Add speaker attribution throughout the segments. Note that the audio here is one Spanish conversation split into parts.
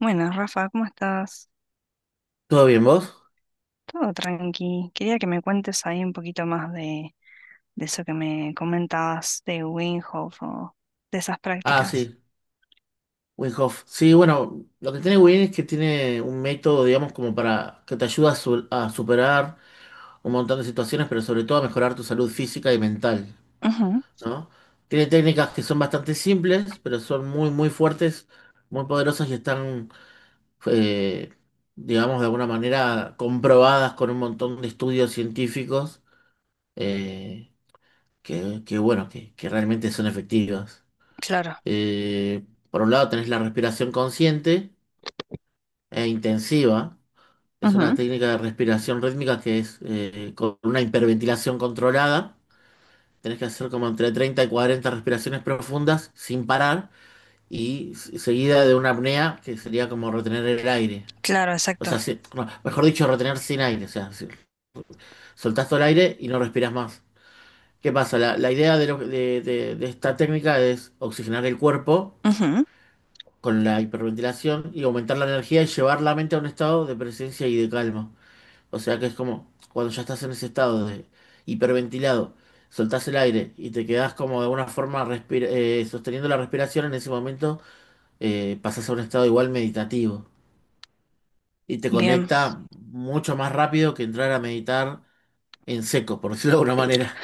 Speaker 1: Bueno, Rafa, ¿cómo estás?
Speaker 2: ¿Todo bien vos?
Speaker 1: Todo tranqui. Quería que me cuentes ahí un poquito más de eso que me comentabas de Winghoff o de esas
Speaker 2: Ah, sí,
Speaker 1: prácticas.
Speaker 2: Winhof. Sí, bueno, lo que tiene Win es que tiene un método, digamos, como para que te ayuda a, a superar un montón de situaciones, pero sobre todo a mejorar tu salud física y mental,
Speaker 1: Ujú,
Speaker 2: ¿no? Tiene técnicas que son bastante simples, pero son muy, muy fuertes, muy poderosas y están, eh, digamos, de alguna manera comprobadas con un montón de estudios científicos, eh, bueno, que realmente son efectivas.
Speaker 1: claro.
Speaker 2: Eh, por un lado tenés la respiración consciente e intensiva. Es una
Speaker 1: Ujú,
Speaker 2: técnica de respiración rítmica que es con una hiperventilación controlada. Tenés que hacer como entre 30 y 40 respiraciones profundas sin parar y seguida de una apnea que sería como retener el aire.
Speaker 1: claro,
Speaker 2: O
Speaker 1: exacto.
Speaker 2: sea, no, mejor dicho, retener sin aire. O sea, soltás todo el aire y no respiras más. ¿Qué pasa? La idea de, de esta técnica es oxigenar el cuerpo
Speaker 1: Ujú,
Speaker 2: con la hiperventilación y aumentar la energía y llevar la mente a un estado de presencia y de calma. O sea que es como cuando ya estás en ese estado de hiperventilado, soltás el aire y te quedás como de alguna forma sosteniendo la respiración. En ese momento pasás a un estado igual meditativo y te
Speaker 1: bien.
Speaker 2: conecta mucho más rápido que entrar a meditar en seco, por decirlo de alguna manera.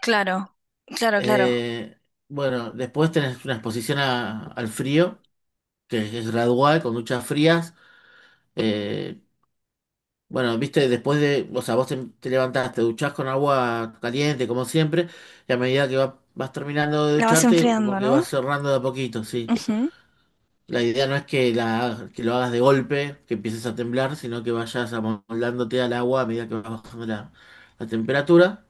Speaker 1: Claro, claro, claro.
Speaker 2: Eh, bueno, después tenés una exposición al frío, que es gradual, con duchas frías. eh, Bueno, viste, después de, o sea, vos te, te levantás, te duchás con agua caliente, como siempre, y a medida que vas terminando de
Speaker 1: La vas
Speaker 2: ducharte, como
Speaker 1: enfriando,
Speaker 2: que
Speaker 1: ¿no?
Speaker 2: vas cerrando de a poquito, sí.
Speaker 1: Ujú.
Speaker 2: La idea no es que, la, que lo hagas de golpe, que empieces a temblar, sino que vayas amoldándote al agua a medida que vas bajando la, la temperatura.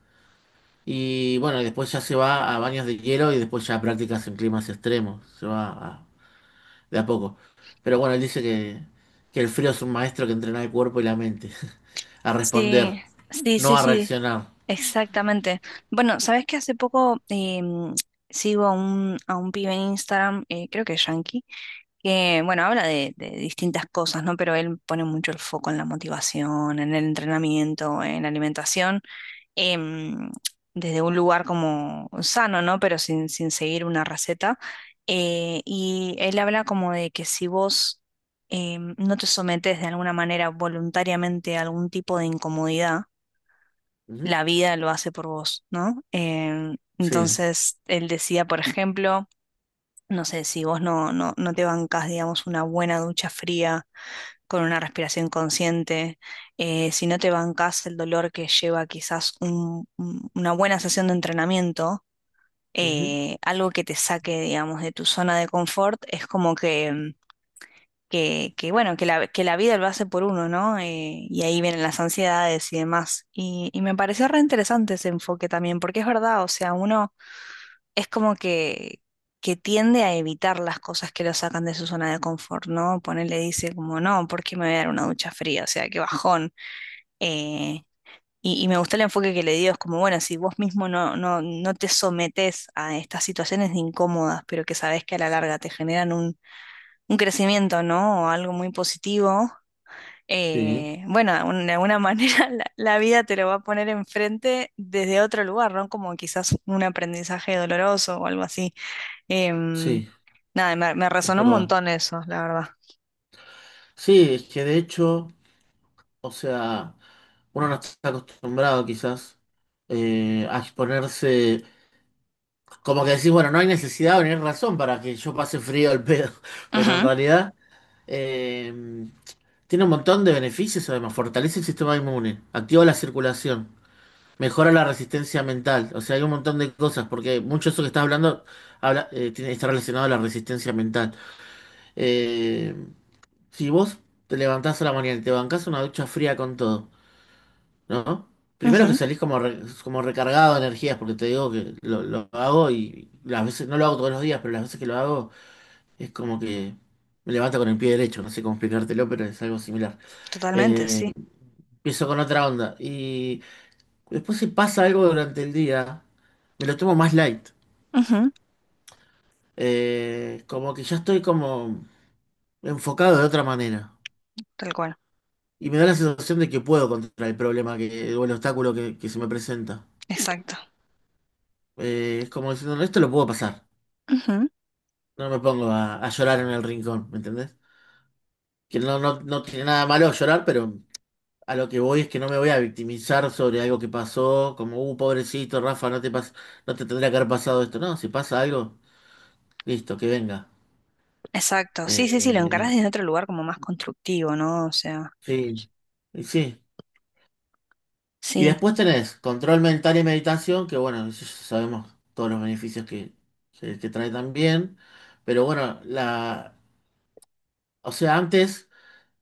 Speaker 2: Y bueno, y después ya se va a baños de hielo y después ya prácticas en climas extremos. Se va de a poco. Pero bueno, él dice que el frío es un maestro que entrena el cuerpo y la mente a responder,
Speaker 1: Sí, sí, sí,
Speaker 2: no a
Speaker 1: sí.
Speaker 2: reaccionar.
Speaker 1: Exactamente. Bueno, sabes que hace poco sigo a a un pibe en Instagram, creo que es Yankee, que bueno, habla de distintas cosas, ¿no? Pero él pone mucho el foco en la motivación, en el entrenamiento, en la alimentación, em, desde un lugar como sano, ¿no? Pero sin seguir una receta. Y él habla como de que si vos no te sometes de alguna manera voluntariamente a algún tipo de incomodidad,
Speaker 2: Ujú,
Speaker 1: la vida lo hace por vos, ¿no?
Speaker 2: sí,
Speaker 1: Entonces, él decía, por ejemplo, no sé, si vos no te bancas, digamos, una buena ducha fría con una respiración consciente, si no te bancas el dolor que lleva quizás una buena sesión de entrenamiento,
Speaker 2: ujú,
Speaker 1: algo que te saque, digamos, de tu zona de confort, es como que, bueno, que la vida lo hace por uno, ¿no? Y ahí vienen las ansiedades y demás. Y me pareció re interesante ese enfoque también, porque es verdad, o sea, uno es como que tiende a evitar las cosas que lo sacan de su zona de confort, ¿no? Ponele, dice como, no, ¿por qué me voy a dar una ducha fría? O sea, qué bajón. Eh, y me gustó el enfoque que le dio, es como, bueno, si vos mismo no te sometes a estas situaciones incómodas, pero que sabés que a la larga te generan un crecimiento, ¿no? O algo muy positivo,
Speaker 2: sí,
Speaker 1: bueno, de alguna manera la vida te lo va a poner enfrente desde otro lugar, ¿no? Como quizás un aprendizaje doloroso o algo así. Em,
Speaker 2: sí,
Speaker 1: nada, me
Speaker 2: es
Speaker 1: resonó un
Speaker 2: verdad.
Speaker 1: montón eso, la verdad.
Speaker 2: Sí, es que de hecho, o sea, uno no está acostumbrado quizás a exponerse, como que decís, bueno, no hay necesidad o no hay razón para que yo pase frío al pedo, pero en
Speaker 1: Ujú,
Speaker 2: realidad eh, tiene un montón de beneficios. Además, fortalece el sistema inmune, activa la circulación. Mejora la resistencia mental. O sea, hay un montón de cosas, porque mucho de eso que estás hablando está relacionado a la resistencia mental. Eh, si vos te levantás a la mañana y te bancás una ducha fría con todo, ¿no? Primero que
Speaker 1: ujú,
Speaker 2: salís como, como recargado de energías, porque te digo que lo hago, y las veces, no lo hago todos los días, pero las veces que lo hago es como que me levanto con el pie derecho. No sé cómo explicártelo, pero es algo similar.
Speaker 1: totalmente,
Speaker 2: Eh,
Speaker 1: sí.
Speaker 2: Empiezo con otra onda. Después, si pasa algo durante el día, me lo tomo más light.
Speaker 1: Ujú,
Speaker 2: Como que ya estoy como enfocado de otra manera.
Speaker 1: tal cual,
Speaker 2: Y me da la sensación de que puedo contra el problema, que, o el obstáculo que se me presenta.
Speaker 1: exacto.
Speaker 2: Es como diciendo, "No, esto lo puedo pasar.
Speaker 1: Ujú,
Speaker 2: No me pongo a llorar en el rincón, ¿me entendés?". Que no, no, no tiene nada malo llorar, pero a lo que voy es que no me voy a victimizar sobre algo que pasó, como, pobrecito, Rafa, no te tendría que haber pasado esto. No, si pasa algo, listo, que venga.
Speaker 1: exacto, sí, sí, sí, lo
Speaker 2: Eh,
Speaker 1: encarás desde otro lugar como más constructivo, ¿no? O sea,
Speaker 2: Sí, y sí. Y
Speaker 1: sí.
Speaker 2: después tenés control mental y meditación, que bueno, eso ya sabemos todos los beneficios que, que trae también. Pero bueno, la, o sea, antes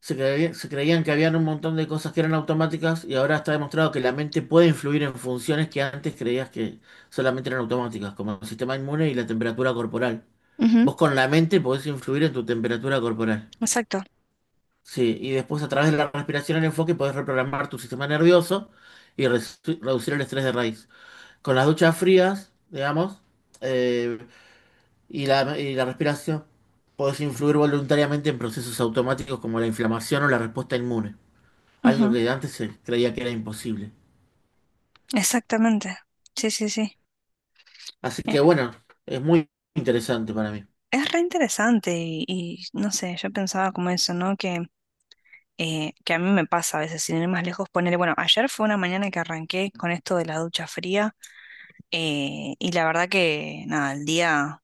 Speaker 2: se creían que habían un montón de cosas que eran automáticas, y ahora está demostrado que la mente puede influir en funciones que antes creías que solamente eran automáticas, como el sistema inmune y la temperatura corporal.
Speaker 1: Ujú,
Speaker 2: Vos con la mente podés influir en tu temperatura corporal.
Speaker 1: exacto.
Speaker 2: Sí, y después a través de la respiración en enfoque podés reprogramar tu sistema nervioso y reducir el estrés de raíz. Con las duchas frías, digamos, eh, y la respiración, podés influir voluntariamente en procesos automáticos como la inflamación o la respuesta inmune, algo
Speaker 1: Ujú,
Speaker 2: que antes se creía que era imposible.
Speaker 1: exactamente. Sí, sí, sí.
Speaker 2: Así que bueno, es muy interesante para mí.
Speaker 1: Es re interesante y, no sé, yo pensaba como eso, ¿no? Que a mí me pasa a veces, sin ir más lejos, ponerle, bueno, ayer fue una mañana que arranqué con esto de la ducha fría, y la verdad que, nada, el día,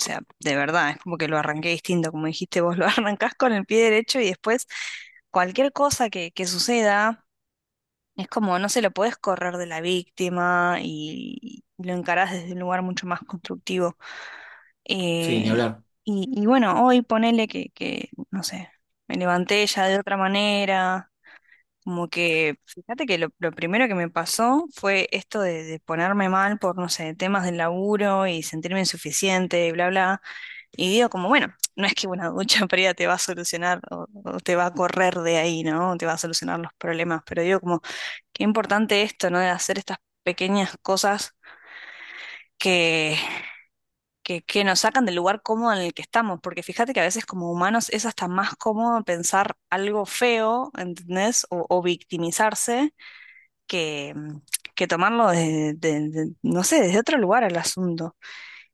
Speaker 1: o sea, de verdad, es como que lo arranqué distinto, como dijiste vos, lo arrancás con el pie derecho y después cualquier cosa que suceda, es como, no se lo podés correr de la víctima y lo encarás desde un lugar mucho más constructivo.
Speaker 2: Sí, ni
Speaker 1: Eh,
Speaker 2: hablar.
Speaker 1: y bueno, hoy ponele que, no sé, me levanté ya de otra manera, como que, fíjate que lo primero que me pasó fue esto de ponerme mal por, no sé, temas del laburo y sentirme insuficiente, y bla, bla. Y digo como, bueno, no es que una ducha fría te va a solucionar o te va a correr de ahí, ¿no? Te va a solucionar los problemas, pero digo como, qué importante esto, ¿no? De hacer estas pequeñas cosas. que que que nos sacan del lugar cómodo en el que estamos, porque fíjate que a veces como humanos es hasta más cómodo pensar algo feo, ¿entendés? O victimizarse que, que tomarlo desde, no sé, desde otro lugar al asunto.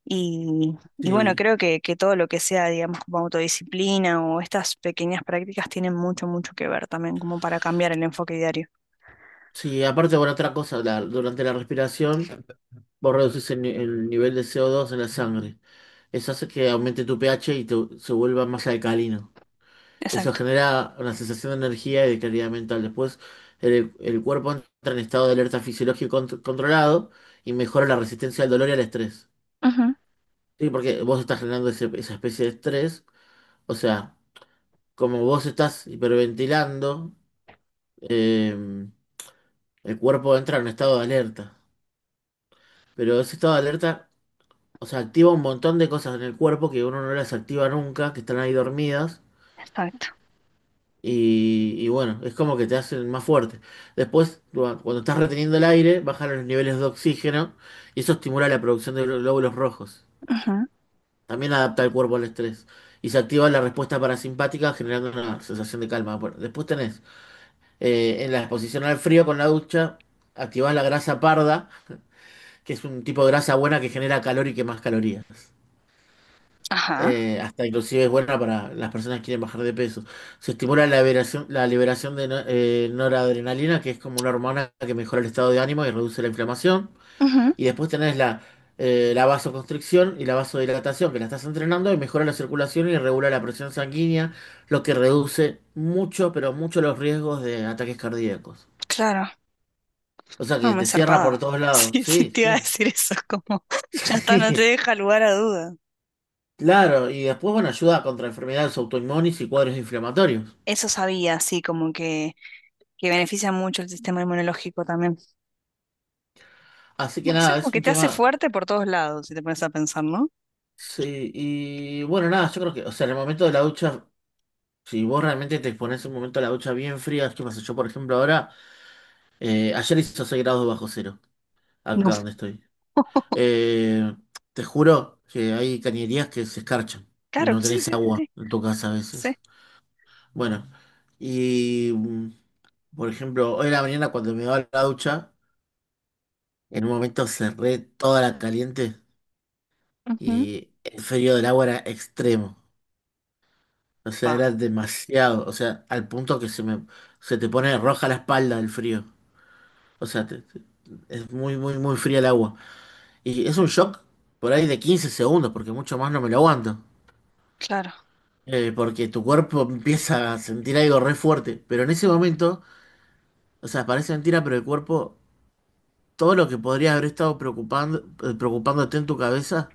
Speaker 1: Y bueno,
Speaker 2: Sí,
Speaker 1: creo que todo lo que sea, digamos, como autodisciplina o estas pequeñas prácticas tienen mucho, mucho que ver también, como para cambiar el enfoque diario.
Speaker 2: sí, aparte, bueno, otra cosa, durante la respiración vos reducís el, ni- el nivel de CO2 en la sangre. Eso hace que aumente tu pH y se vuelva más alcalino. Eso
Speaker 1: Exacto.
Speaker 2: genera una sensación de energía y de claridad mental. Después, el cuerpo entra en estado de alerta fisiológico controlado y mejora la resistencia al dolor y al estrés.
Speaker 1: Ujú.
Speaker 2: Sí, porque vos estás generando esa especie de estrés. O sea, como vos estás hiperventilando, eh, el cuerpo entra en un estado de alerta. Pero ese estado de alerta, o sea, activa un montón de cosas en el cuerpo que uno no las activa nunca, que están ahí dormidas.
Speaker 1: Exacto.
Speaker 2: Y bueno, es como que te hacen más fuerte. Después, cuando estás reteniendo el aire, bajan los niveles de oxígeno y eso estimula la producción de glóbulos rojos.
Speaker 1: Ujú.
Speaker 2: También adapta el cuerpo al estrés. Y se activa la respuesta parasimpática generando una sensación de calma. Bueno, después tenés en la exposición al frío con la ducha, activás la grasa parda, que es un tipo de grasa buena que genera calor y que más calorías.
Speaker 1: Ajá.
Speaker 2: Hasta inclusive es buena para las personas que quieren bajar de peso. Se estimula la liberación de noradrenalina, que es como una hormona que mejora el estado de ánimo y reduce la inflamación.
Speaker 1: Ujú.
Speaker 2: Y después tenés la, la vasoconstricción y la vasodilatación, que la estás entrenando, y mejora la circulación y regula la presión sanguínea, lo que reduce mucho, pero mucho los riesgos de ataques cardíacos.
Speaker 1: Claro.
Speaker 2: O sea
Speaker 1: No,
Speaker 2: que
Speaker 1: me
Speaker 2: te cierra por
Speaker 1: zarpada.
Speaker 2: todos lados.
Speaker 1: Sí, sí,
Speaker 2: Sí,
Speaker 1: te iba a
Speaker 2: sí.
Speaker 1: decir eso, como ya está, no te deja lugar a duda.
Speaker 2: Claro, y después, bueno, ayuda contra enfermedades autoinmunes y cuadros inflamatorios.
Speaker 1: Eso sabía, sí, como que beneficia mucho el sistema inmunológico también.
Speaker 2: Así que
Speaker 1: Bueno, sí,
Speaker 2: nada,
Speaker 1: como
Speaker 2: es
Speaker 1: que
Speaker 2: un
Speaker 1: te hace
Speaker 2: tema.
Speaker 1: fuerte por todos lados, si te pones a pensar, ¿no?
Speaker 2: Sí, y bueno, nada, yo creo que, o sea, en el momento de la ducha, si vos realmente te pones un momento de la ducha bien fría, ¿qué pasa? Yo, por ejemplo, ahora, ayer hizo 6 grados bajo cero
Speaker 1: No.
Speaker 2: acá donde estoy. Eh, Te juro que hay cañerías que se escarchan y
Speaker 1: Claro,
Speaker 2: no
Speaker 1: sí,
Speaker 2: tenés
Speaker 1: sí, sí,
Speaker 2: agua
Speaker 1: sí.
Speaker 2: en tu casa a
Speaker 1: Sí.
Speaker 2: veces. Bueno, y mm, por ejemplo, hoy en la mañana cuando me daba la ducha, en un momento cerré toda la caliente
Speaker 1: Ujú.
Speaker 2: y el frío del agua era extremo. O sea,
Speaker 1: Va,
Speaker 2: era demasiado. O sea, al punto que se te pone roja la espalda del frío. O sea, es muy, muy, muy fría el agua. Y es un shock por ahí de 15 segundos, porque mucho más no me lo aguanto.
Speaker 1: claro.
Speaker 2: Porque tu cuerpo empieza a sentir algo re fuerte. Pero en ese momento, o sea, parece mentira, pero el cuerpo, todo lo que podría haber estado preocupando, preocupándote en tu cabeza,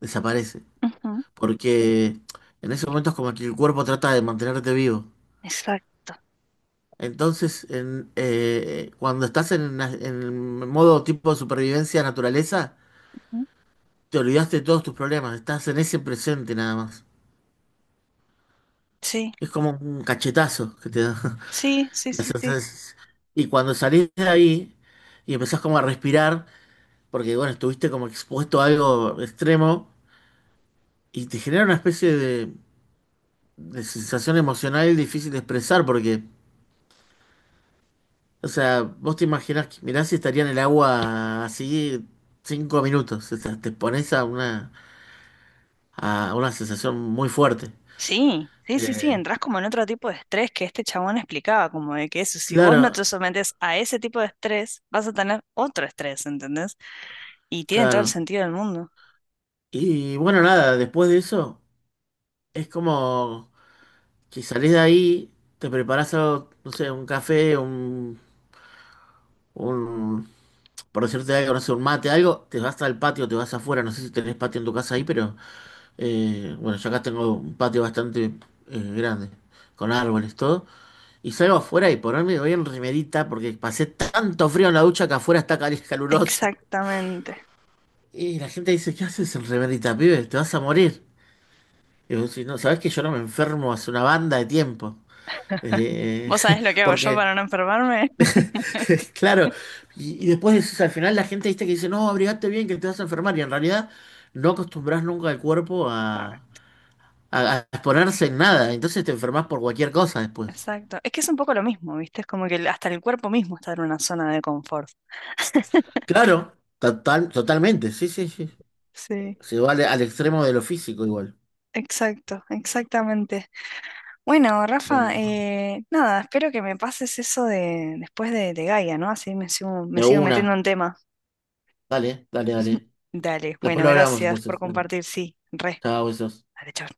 Speaker 2: desaparece.
Speaker 1: Ujú.
Speaker 2: Porque en ese momento es como que el cuerpo trata de mantenerte vivo.
Speaker 1: Exacto.
Speaker 2: Entonces, cuando estás en, en el modo tipo de supervivencia naturaleza,
Speaker 1: Ujú.
Speaker 2: te olvidaste de todos tus problemas, estás en ese presente nada más.
Speaker 1: Sí,
Speaker 2: Es como un cachetazo que te da.
Speaker 1: sí, sí,
Speaker 2: La
Speaker 1: sí, sí.
Speaker 2: sensación. Y cuando salís de ahí y empezás como a respirar, porque bueno, estuviste como expuesto a algo extremo, y te genera una especie de sensación emocional difícil de expresar, porque, o sea, vos te imaginás que mirá si estaría en el agua así 5 minutos. O sea, te pones a una sensación muy fuerte.
Speaker 1: Sí, sí, sí, sí,
Speaker 2: Eh,
Speaker 1: entras como en otro tipo de estrés que este chabón explicaba, como de que eso, si vos no
Speaker 2: claro,
Speaker 1: te sometes a ese tipo de estrés, vas a tener otro estrés, ¿entendés? Y tiene todo el
Speaker 2: claro.
Speaker 1: sentido del mundo.
Speaker 2: Y bueno, nada, después de eso, es como que salís de ahí, te preparás algo, no sé, un café, un, por decirte algo, no sé, un mate, algo, te vas al patio, te vas afuera, no sé si tenés patio en tu casa ahí, pero bueno, yo acá tengo un patio bastante grande, con árboles, todo. Y salgo afuera y por ponerme voy en remerita porque pasé tanto frío en la ducha que afuera está caluroso.
Speaker 1: Exactamente.
Speaker 2: Y la gente dice, "¿Qué haces en remerita, pibe? Te vas a morir". Y yo, si no, ¿sabés que yo no me enfermo hace una banda de tiempo? Eh,
Speaker 1: ¿Vos sabés lo que hago yo
Speaker 2: Porque,
Speaker 1: para no enfermarme?
Speaker 2: claro, y después decís, al final la gente viste que dice, no, abrigate bien que te vas a enfermar. Y en realidad no acostumbras nunca al cuerpo
Speaker 1: Ah,
Speaker 2: a, a exponerse en nada. Entonces te enfermas por cualquier cosa después.
Speaker 1: exacto. Es que es un poco lo mismo, ¿viste? Es como que el- hasta el cuerpo mismo está en una zona de confort.
Speaker 2: Claro, total, totalmente, sí, sí, sí.
Speaker 1: Sí,
Speaker 2: Se va al, al extremo de lo físico igual.
Speaker 1: exacto, exactamente. Bueno,
Speaker 2: Bueno,
Speaker 1: Rafa, nada, espero que me pases eso de después de Gaia, ¿no? Así me
Speaker 2: de
Speaker 1: sigo metiendo
Speaker 2: una.
Speaker 1: en tema.
Speaker 2: Dale, dale, dale.
Speaker 1: Dale,
Speaker 2: Después
Speaker 1: bueno,
Speaker 2: lo hablamos
Speaker 1: gracias por
Speaker 2: entonces. Dale.
Speaker 1: compartir, sí, re.
Speaker 2: Chao, besos.
Speaker 1: Dale, chau.